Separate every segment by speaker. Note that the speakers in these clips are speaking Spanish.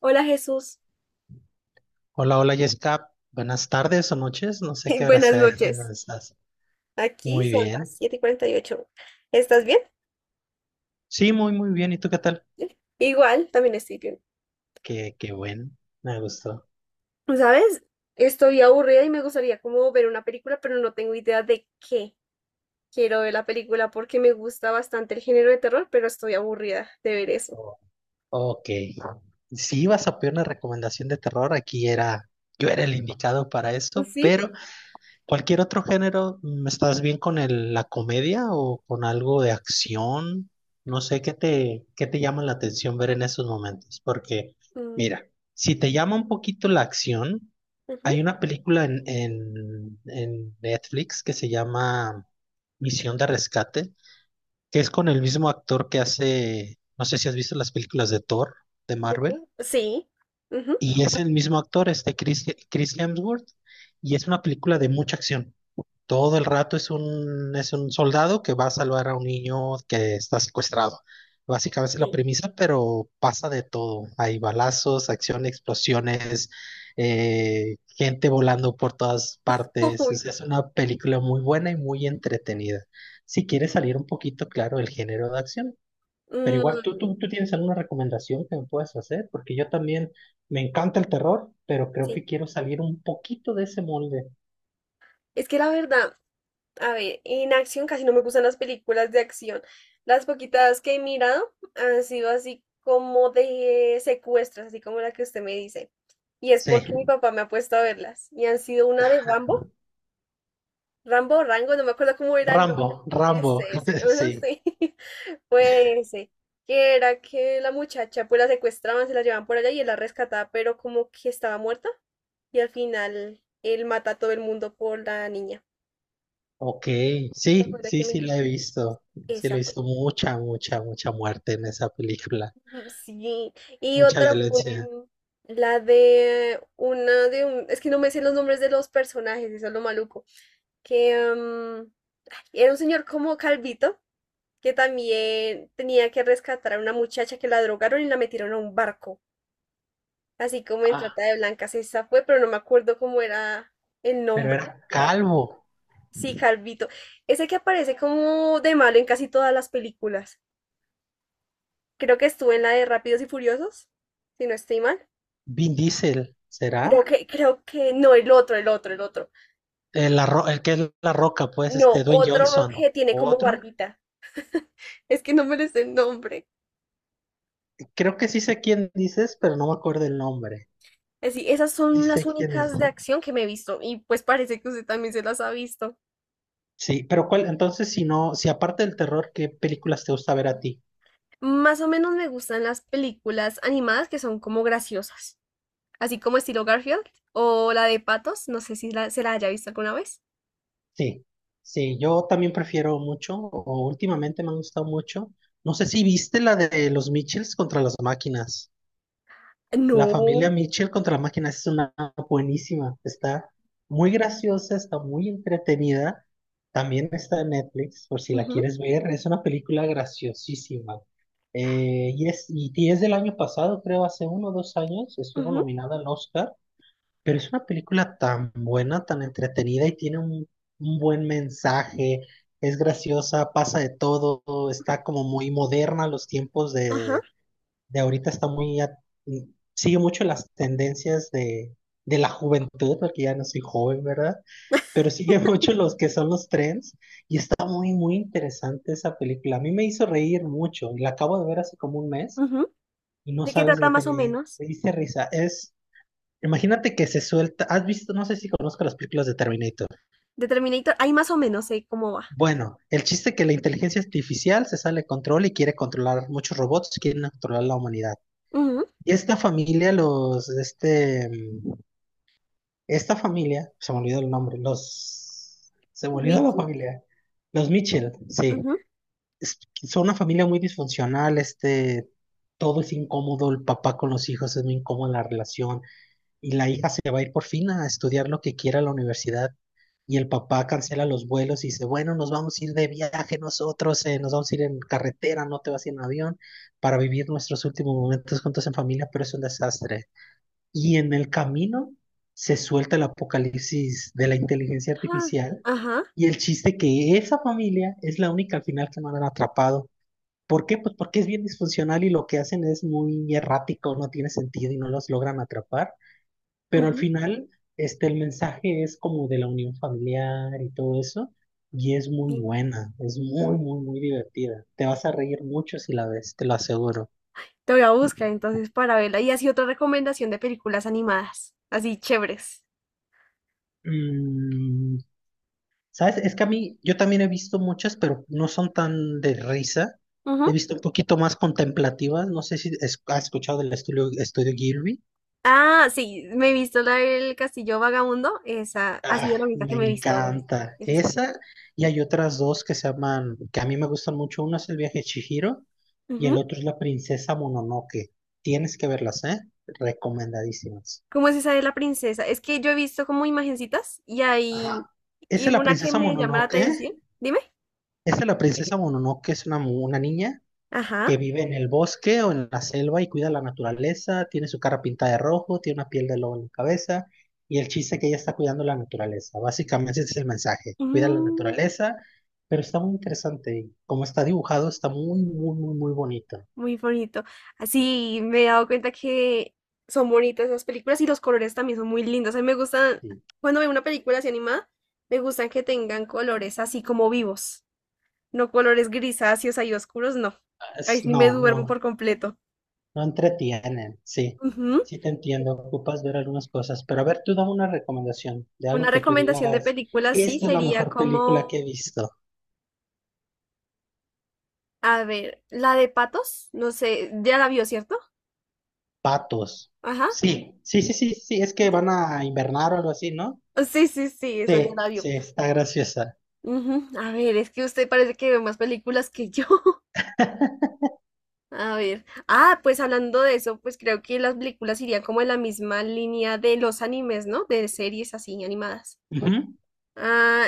Speaker 1: Hola, Jesús.
Speaker 2: Hola, hola Jessica, buenas tardes o noches, no sé qué hora
Speaker 1: Buenas
Speaker 2: sea en
Speaker 1: noches.
Speaker 2: donde estás.
Speaker 1: Aquí
Speaker 2: Muy
Speaker 1: son las
Speaker 2: bien.
Speaker 1: siete y cuarenta y ocho. ¿Estás bien?
Speaker 2: Sí, muy bien. ¿Y tú qué tal?
Speaker 1: Igual, también estoy bien.
Speaker 2: Me gustó.
Speaker 1: ¿Sabes? Estoy aburrida y me gustaría como ver una película, pero no tengo idea de qué quiero ver. La película porque me gusta bastante el género de terror, pero estoy aburrida de ver eso.
Speaker 2: Oh, Ok. Si ibas a pedir una recomendación de terror, aquí era, yo era el indicado para esto,
Speaker 1: ¿Sí?
Speaker 2: pero ¿cualquier otro género? ¿Estás bien con la comedia o con algo de acción? No sé qué te llama la atención ver en esos momentos, porque
Speaker 1: Mm,
Speaker 2: mira, si te llama un poquito la acción,
Speaker 1: ujú,
Speaker 2: hay una película en Netflix que se llama Misión de Rescate, que es con el mismo actor que hace, no sé si has visto las películas de Thor, de
Speaker 1: ¿de
Speaker 2: Marvel,
Speaker 1: todo? Sí. Ujú.
Speaker 2: y es el mismo actor, este Chris Hemsworth, y es una película de mucha acción. Todo el rato es un soldado que va a salvar a un niño que está secuestrado. Básicamente es la
Speaker 1: Sí.
Speaker 2: premisa, pero pasa de todo. Hay balazos, acción, explosiones, gente volando por todas partes.
Speaker 1: Uy,
Speaker 2: Es una película muy buena y muy entretenida. Si quieres salir un poquito, claro, del género de acción. Pero igual, ¿tú,
Speaker 1: mm,
Speaker 2: tú, tú tienes alguna recomendación que me puedas hacer? Porque yo también me encanta el terror, pero creo
Speaker 1: sí.
Speaker 2: que quiero salir un poquito de ese molde.
Speaker 1: Es que la verdad, a ver, en acción casi no me gustan las películas de acción. Las poquitas que he mirado han sido así como de secuestros, así como la que usted me dice. Y es
Speaker 2: Sí.
Speaker 1: porque mi papá me ha puesto a verlas. Y han sido una de Rambo, Rambo o Rango, no me acuerdo cómo era el nombre.
Speaker 2: Rambo, Rambo,
Speaker 1: Ese, ujú,
Speaker 2: sí,
Speaker 1: sí. Fue ese. Que era que la muchacha pues la secuestraban, se la llevaban por allá y él la rescataba, pero como que estaba muerta. Y al final él mata a todo el mundo por la niña.
Speaker 2: ok,
Speaker 1: ¿Te
Speaker 2: sí,
Speaker 1: acuerdas
Speaker 2: sí,
Speaker 1: que
Speaker 2: sí
Speaker 1: me...
Speaker 2: la he visto, sí lo
Speaker 1: Esa.
Speaker 2: he visto mucha, mucha, mucha muerte en esa película,
Speaker 1: Mm. Sí, y
Speaker 2: mucha
Speaker 1: otra fue
Speaker 2: violencia.
Speaker 1: la de una, de un, es que no me sé los nombres de los personajes, eso es lo maluco, que era un señor como calvito que también tenía que rescatar a una muchacha que la drogaron y la metieron a un barco, así como en Trata
Speaker 2: Ah,
Speaker 1: de Blancas. Esa fue, pero no me acuerdo cómo era el
Speaker 2: pero
Speaker 1: nombre,
Speaker 2: era
Speaker 1: ¿la verdad?
Speaker 2: calvo.
Speaker 1: Sí, calvito, ese que aparece como de malo en casi todas las películas. Creo que estuvo en la de Rápidos y Furiosos, si no estoy mal.
Speaker 2: ¿Vin Diesel,
Speaker 1: Creo
Speaker 2: será?
Speaker 1: que, creo que, no, el otro, el otro, el otro.
Speaker 2: El que es La Roca, pues,
Speaker 1: No,
Speaker 2: este, Dwayne
Speaker 1: otro
Speaker 2: Johnson,
Speaker 1: que tiene como
Speaker 2: otro.
Speaker 1: barbita. Es que no me les el nombre.
Speaker 2: Creo que sí sé quién dices, pero no me acuerdo el nombre.
Speaker 1: Así, esas
Speaker 2: Sí
Speaker 1: son las
Speaker 2: sé quién es.
Speaker 1: únicas de acción que me he visto y pues parece que usted también se las ha visto.
Speaker 2: Sí, pero cuál, entonces, si no, si aparte del terror, ¿qué películas te gusta ver a ti?
Speaker 1: Más o menos me gustan las películas animadas que son como graciosas, así como estilo Garfield o la de Patos, no sé si la- se la haya visto alguna vez.
Speaker 2: Sí, sí, yo también prefiero mucho, o últimamente me han gustado mucho. No sé si viste la de los Mitchells contra las máquinas. La familia
Speaker 1: No.
Speaker 2: Mitchell contra las máquinas es una buenísima. Está muy graciosa, está muy entretenida. También está en Netflix, por si la
Speaker 1: Ujú,
Speaker 2: quieres ver. Es una película graciosísima. Y es, y es del año pasado, creo, hace uno o dos años, estuvo
Speaker 1: ujú,
Speaker 2: nominada al Oscar. Pero es una película tan buena, tan entretenida y tiene un buen mensaje, es graciosa, pasa de todo, está como muy moderna, los tiempos
Speaker 1: ajá,
Speaker 2: de ahorita está muy, sigue mucho las tendencias de la juventud, porque ya no soy joven, ¿verdad? Pero sigue mucho los que son los trends y está muy interesante esa película. A mí me hizo reír mucho, y la acabo de ver hace como un mes
Speaker 1: ujú.
Speaker 2: y no
Speaker 1: ¿De qué
Speaker 2: sabes,
Speaker 1: trata
Speaker 2: me
Speaker 1: más o
Speaker 2: tenía,
Speaker 1: menos?
Speaker 2: me hice risa. Es imagínate que se suelta, has visto, no sé si conozco las películas de Terminator.
Speaker 1: De Terminator, ahí más o menos sé cómo va.
Speaker 2: Bueno, el chiste es que la inteligencia artificial se sale de control y quiere controlar muchos robots, quieren controlar la humanidad.
Speaker 1: Ujú.
Speaker 2: Y esta familia, los, este, esta familia, se me olvidó el nombre, los, se me olvidó la
Speaker 1: Mickey,
Speaker 2: familia, los Mitchell, sí.
Speaker 1: ujú.
Speaker 2: Es- son una familia muy disfuncional, este, todo es incómodo, el papá con los hijos es muy incómoda la relación, y la hija se va a ir por fin a estudiar lo que quiera a la universidad. Y el papá cancela los vuelos y dice, bueno, nos vamos a ir de viaje nosotros, nos vamos a ir en carretera, no te vas a ir en avión, para vivir nuestros últimos momentos juntos en familia, pero es un desastre. Y en el camino se suelta el apocalipsis de la inteligencia
Speaker 1: Ah,
Speaker 2: artificial
Speaker 1: ajá,
Speaker 2: y el chiste que esa familia es la única al final que no han atrapado. ¿Por qué? Pues porque es bien disfuncional y lo que hacen es muy errático, no tiene sentido y no los logran atrapar. Pero al
Speaker 1: ujú,
Speaker 2: final, este, el mensaje es como de la unión familiar y todo eso, y es muy
Speaker 1: sí.
Speaker 2: buena, es muy divertida. Te vas a reír mucho si la ves, te lo aseguro.
Speaker 1: Te voy a buscar entonces para verla. Y así otra recomendación de películas animadas, así chéveres.
Speaker 2: Mm, ¿Sabes? Es que a mí, yo también he visto muchas, pero no son tan de risa. He
Speaker 1: Ujú.
Speaker 2: visto un poquito más contemplativas. No sé si has escuchado del estudio, estudio Gilby.
Speaker 1: Ah, sí, me he visto la del Castillo Vagabundo. Esa ha sido la
Speaker 2: Ah,
Speaker 1: única
Speaker 2: me
Speaker 1: que me he visto de
Speaker 2: encanta.
Speaker 1: ese estilo.
Speaker 2: Esa y hay otras dos que se llaman, que a mí me gustan mucho. Una es El viaje de Chihiro y el
Speaker 1: Ujú.
Speaker 2: otro es La princesa Mononoke. Tienes que verlas, ¿eh? Recomendadísimas.
Speaker 1: ¿Cómo es esa de la princesa? Es que yo he visto como imagencitas y hay
Speaker 2: Ajá.
Speaker 1: y
Speaker 2: Esa es La
Speaker 1: una que
Speaker 2: princesa
Speaker 1: me llama la
Speaker 2: Mononoke.
Speaker 1: atención. Dime.
Speaker 2: Esa es La princesa Mononoke, es una, una niña que
Speaker 1: Ajá.
Speaker 2: vive en el bosque o en la selva y cuida la naturaleza, tiene su cara pintada de rojo, tiene una piel de lobo en la cabeza y el chiste es que ella está cuidando la naturaleza. Básicamente ese es el mensaje, cuida la naturaleza, pero está muy interesante y como está dibujado está muy bonito.
Speaker 1: Muy bonito. Así me he dado cuenta que son bonitas esas películas y los colores también son muy lindos. A mí me gustan,
Speaker 2: Sí.
Speaker 1: cuando veo una película así animada, me gustan que tengan colores así como vivos, no colores grisáceos ahí oscuros, no.
Speaker 2: Es-
Speaker 1: Ahí sí
Speaker 2: no,
Speaker 1: me
Speaker 2: no,
Speaker 1: duermo por completo.
Speaker 2: no entretienen, sí.
Speaker 1: Ujú.
Speaker 2: Sí te entiendo, ocupas ver algunas cosas, pero a ver, tú dame una recomendación de algo
Speaker 1: Una
Speaker 2: que tú
Speaker 1: recomendación de
Speaker 2: digas,
Speaker 1: película sí
Speaker 2: esta es la
Speaker 1: sería
Speaker 2: mejor
Speaker 1: como,
Speaker 2: película que he visto.
Speaker 1: a ver, la de Patos, no sé, ya la vio, ¿cierto?
Speaker 2: Patos.
Speaker 1: Ajá.
Speaker 2: Sí, sí, sí, sí, sí, es que
Speaker 1: Sí, ya.
Speaker 2: van a invernar o algo así, ¿no?
Speaker 1: Sí, sí, sí, esa ya
Speaker 2: Sí,
Speaker 1: la vio.
Speaker 2: sí, está graciosa.
Speaker 1: Ujú. A ver, es que usted parece que ve más películas que yo. A ver, ah, pues hablando de eso, pues creo que las películas irían como en la misma línea de los animes, ¿no? De series así animadas.
Speaker 2: Ujú.
Speaker 1: Ah,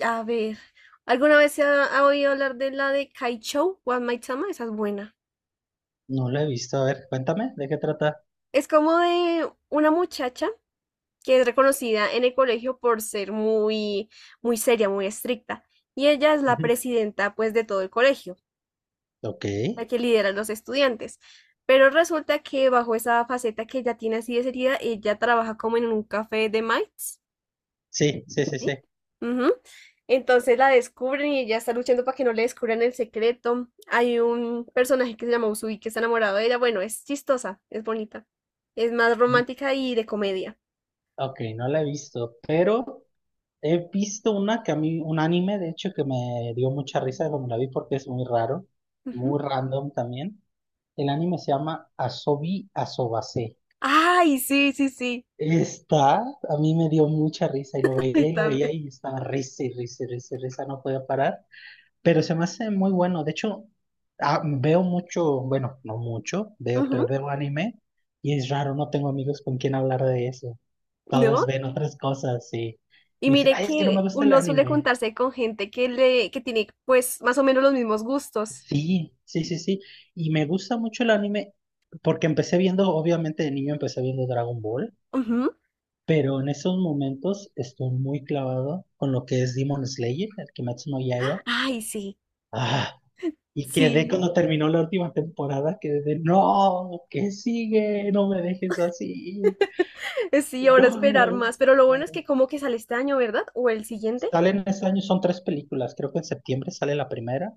Speaker 1: a ver, ¿alguna vez se ha oído hablar de la de Kaichou One Might Sama? Esa es buena.
Speaker 2: No la he visto. A ver, cuéntame, ¿de qué trata?
Speaker 1: Es como de una muchacha que es reconocida en el colegio por ser muy, muy seria, muy estricta. Y ella es la
Speaker 2: Ujú.
Speaker 1: presidenta, pues, de todo el colegio,
Speaker 2: Ok.
Speaker 1: la que lidera a los estudiantes. Pero resulta que bajo esa faceta que ella tiene así de seria, ella trabaja como en un café de mites,
Speaker 2: Sí, sí, sí, sí.
Speaker 1: ¿sí? Ujú. Entonces la descubren y ella está luchando para que no le descubran el secreto. Hay un personaje que se llama Usui que está enamorado de ella. Bueno, es chistosa, es bonita. Es más
Speaker 2: Ujú.
Speaker 1: romántica y de comedia.
Speaker 2: Ok, no la he visto, pero he visto una que a mí, un anime, de hecho, que me dio mucha risa cuando la vi porque es muy raro,
Speaker 1: Ujú.
Speaker 2: muy random también. El anime se llama Asobi Asobase.
Speaker 1: Ay, sí, sí, sí.
Speaker 2: Está, a mí me dio mucha risa y lo
Speaker 1: Ay,
Speaker 2: veía y lo veía
Speaker 1: también.
Speaker 2: y estaba risa y risa y risa y risa, no podía parar, pero se me hace muy bueno. De hecho, veo mucho, bueno, no mucho, veo,
Speaker 1: Ujú.
Speaker 2: pero veo anime y es raro, no tengo amigos con quien hablar de eso. Todos
Speaker 1: ¿No?
Speaker 2: ven otras cosas y
Speaker 1: Y
Speaker 2: me dicen,
Speaker 1: mire
Speaker 2: ay, es que no me
Speaker 1: que
Speaker 2: gusta el
Speaker 1: uno suele
Speaker 2: anime.
Speaker 1: juntarse con gente que tiene pues más o menos los mismos gustos.
Speaker 2: Sí, sí, sí, sí. Y me gusta mucho el anime porque empecé viendo, obviamente de niño empecé viendo Dragon Ball.
Speaker 1: Ujú.
Speaker 2: Pero en esos momentos estoy muy clavado con lo que es Demon Slayer, el Kimetsu no Yaiba.
Speaker 1: Ay, sí,
Speaker 2: Ah, y quedé
Speaker 1: sí,
Speaker 2: cuando terminó la última temporada, quedé de, no, ¿qué sigue? No me dejes así.
Speaker 1: sí, ahora esperar
Speaker 2: No.
Speaker 1: más. Pero lo bueno es que como que sale este año, ¿verdad? O el siguiente.
Speaker 2: Salen ese año, son tres películas, creo que en septiembre sale la primera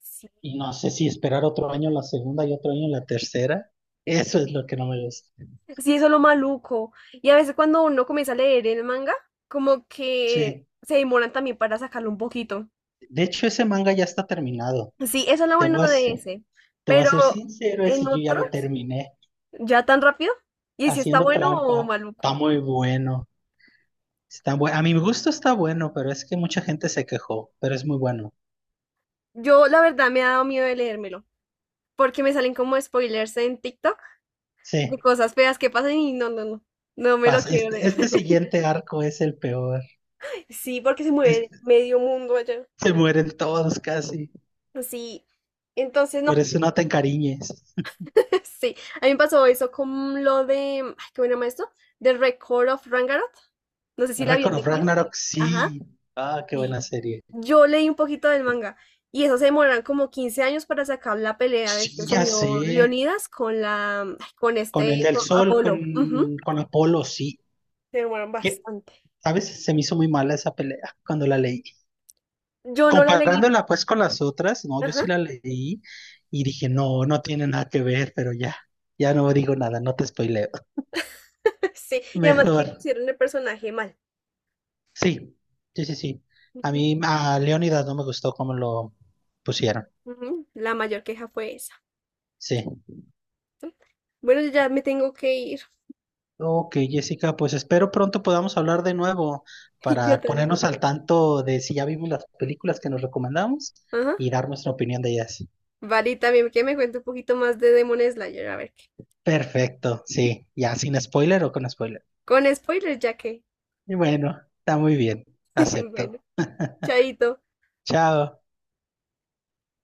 Speaker 1: Sí.
Speaker 2: y no sé si esperar otro año la segunda y otro año la tercera. Eso es lo que no me gusta.
Speaker 1: Sí, eso es lo maluco. Y a veces cuando uno comienza a leer el manga, como que
Speaker 2: Sí,
Speaker 1: se demoran también para sacarlo un poquito.
Speaker 2: de hecho ese manga ya está terminado.
Speaker 1: Sí, eso es lo
Speaker 2: Te voy
Speaker 1: bueno de ese.
Speaker 2: te voy a
Speaker 1: Pero
Speaker 2: ser sincero,
Speaker 1: en
Speaker 2: ese yo ya lo
Speaker 1: otros,
Speaker 2: terminé.
Speaker 1: ya tan rápido. Y si está
Speaker 2: Haciendo
Speaker 1: bueno o
Speaker 2: trampa. Está
Speaker 1: maluco.
Speaker 2: muy bueno. Está a mi gusto está bueno, pero es que mucha gente se quejó, pero es muy bueno.
Speaker 1: Yo la verdad me ha dado miedo de leérmelo, porque me salen como spoilers en TikTok de
Speaker 2: Sí,
Speaker 1: cosas feas que pasan y no, no, no, no me lo
Speaker 2: pasa.
Speaker 1: quiero
Speaker 2: Este,
Speaker 1: leer.
Speaker 2: este siguiente arco es el peor.
Speaker 1: Sí, porque se mueve
Speaker 2: Este-
Speaker 1: medio mundo allá.
Speaker 2: Se mueren todos casi.
Speaker 1: Sí, entonces
Speaker 2: Por
Speaker 1: no,
Speaker 2: eso no te encariñes.
Speaker 1: sí, a mí me pasó eso con lo de, ay, ¿cómo se llama esto? The Record of Rangarot. No sé si la vi en
Speaker 2: Record of
Speaker 1: Netflix.
Speaker 2: Ragnarok,
Speaker 1: Ajá,
Speaker 2: sí. Ah, qué
Speaker 1: sí.
Speaker 2: buena serie.
Speaker 1: Yo leí un poquito del manga y eso se demoran como 15 años para sacar la pelea de
Speaker 2: Sí,
Speaker 1: este
Speaker 2: ya
Speaker 1: señor
Speaker 2: sé.
Speaker 1: Leonidas con la, ay, con
Speaker 2: Con el
Speaker 1: este,
Speaker 2: del
Speaker 1: con
Speaker 2: sol,
Speaker 1: Apolo. Ujú.
Speaker 2: con Apolo, sí.
Speaker 1: Se demoran
Speaker 2: ¿Qué?
Speaker 1: bastante.
Speaker 2: ¿Sabes? Se me hizo muy mala esa pelea cuando la leí.
Speaker 1: Yo no la leí.
Speaker 2: Comparándola pues con las otras, no, yo
Speaker 1: Ajá,
Speaker 2: sí la leí y dije, no, no tiene nada que ver, pero ya, ya no digo nada, no te spoileo.
Speaker 1: sí, y además que
Speaker 2: Mejor,
Speaker 1: pusieron el personaje mal.
Speaker 2: sí, sí, sí, sí. A
Speaker 1: Ujú,
Speaker 2: mí, a Leonidas no me gustó cómo lo pusieron,
Speaker 1: ujú, la mayor queja fue esa.
Speaker 2: sí.
Speaker 1: Bueno, yo ya me tengo que ir.
Speaker 2: Ok, Jessica, pues espero pronto podamos hablar de nuevo
Speaker 1: Yo
Speaker 2: para ponernos
Speaker 1: también.
Speaker 2: al tanto de si ya vimos las películas que nos recomendamos
Speaker 1: Ajá.
Speaker 2: y dar nuestra opinión de ellas.
Speaker 1: Vale, y también que me cuente un poquito más de Demon Slayer, a ver qué.
Speaker 2: Perfecto, sí, ya sin spoiler o con spoiler.
Speaker 1: Con spoilers, ya que.
Speaker 2: Y bueno, está muy bien,
Speaker 1: Bueno,
Speaker 2: acepto.
Speaker 1: chaito.
Speaker 2: Chao.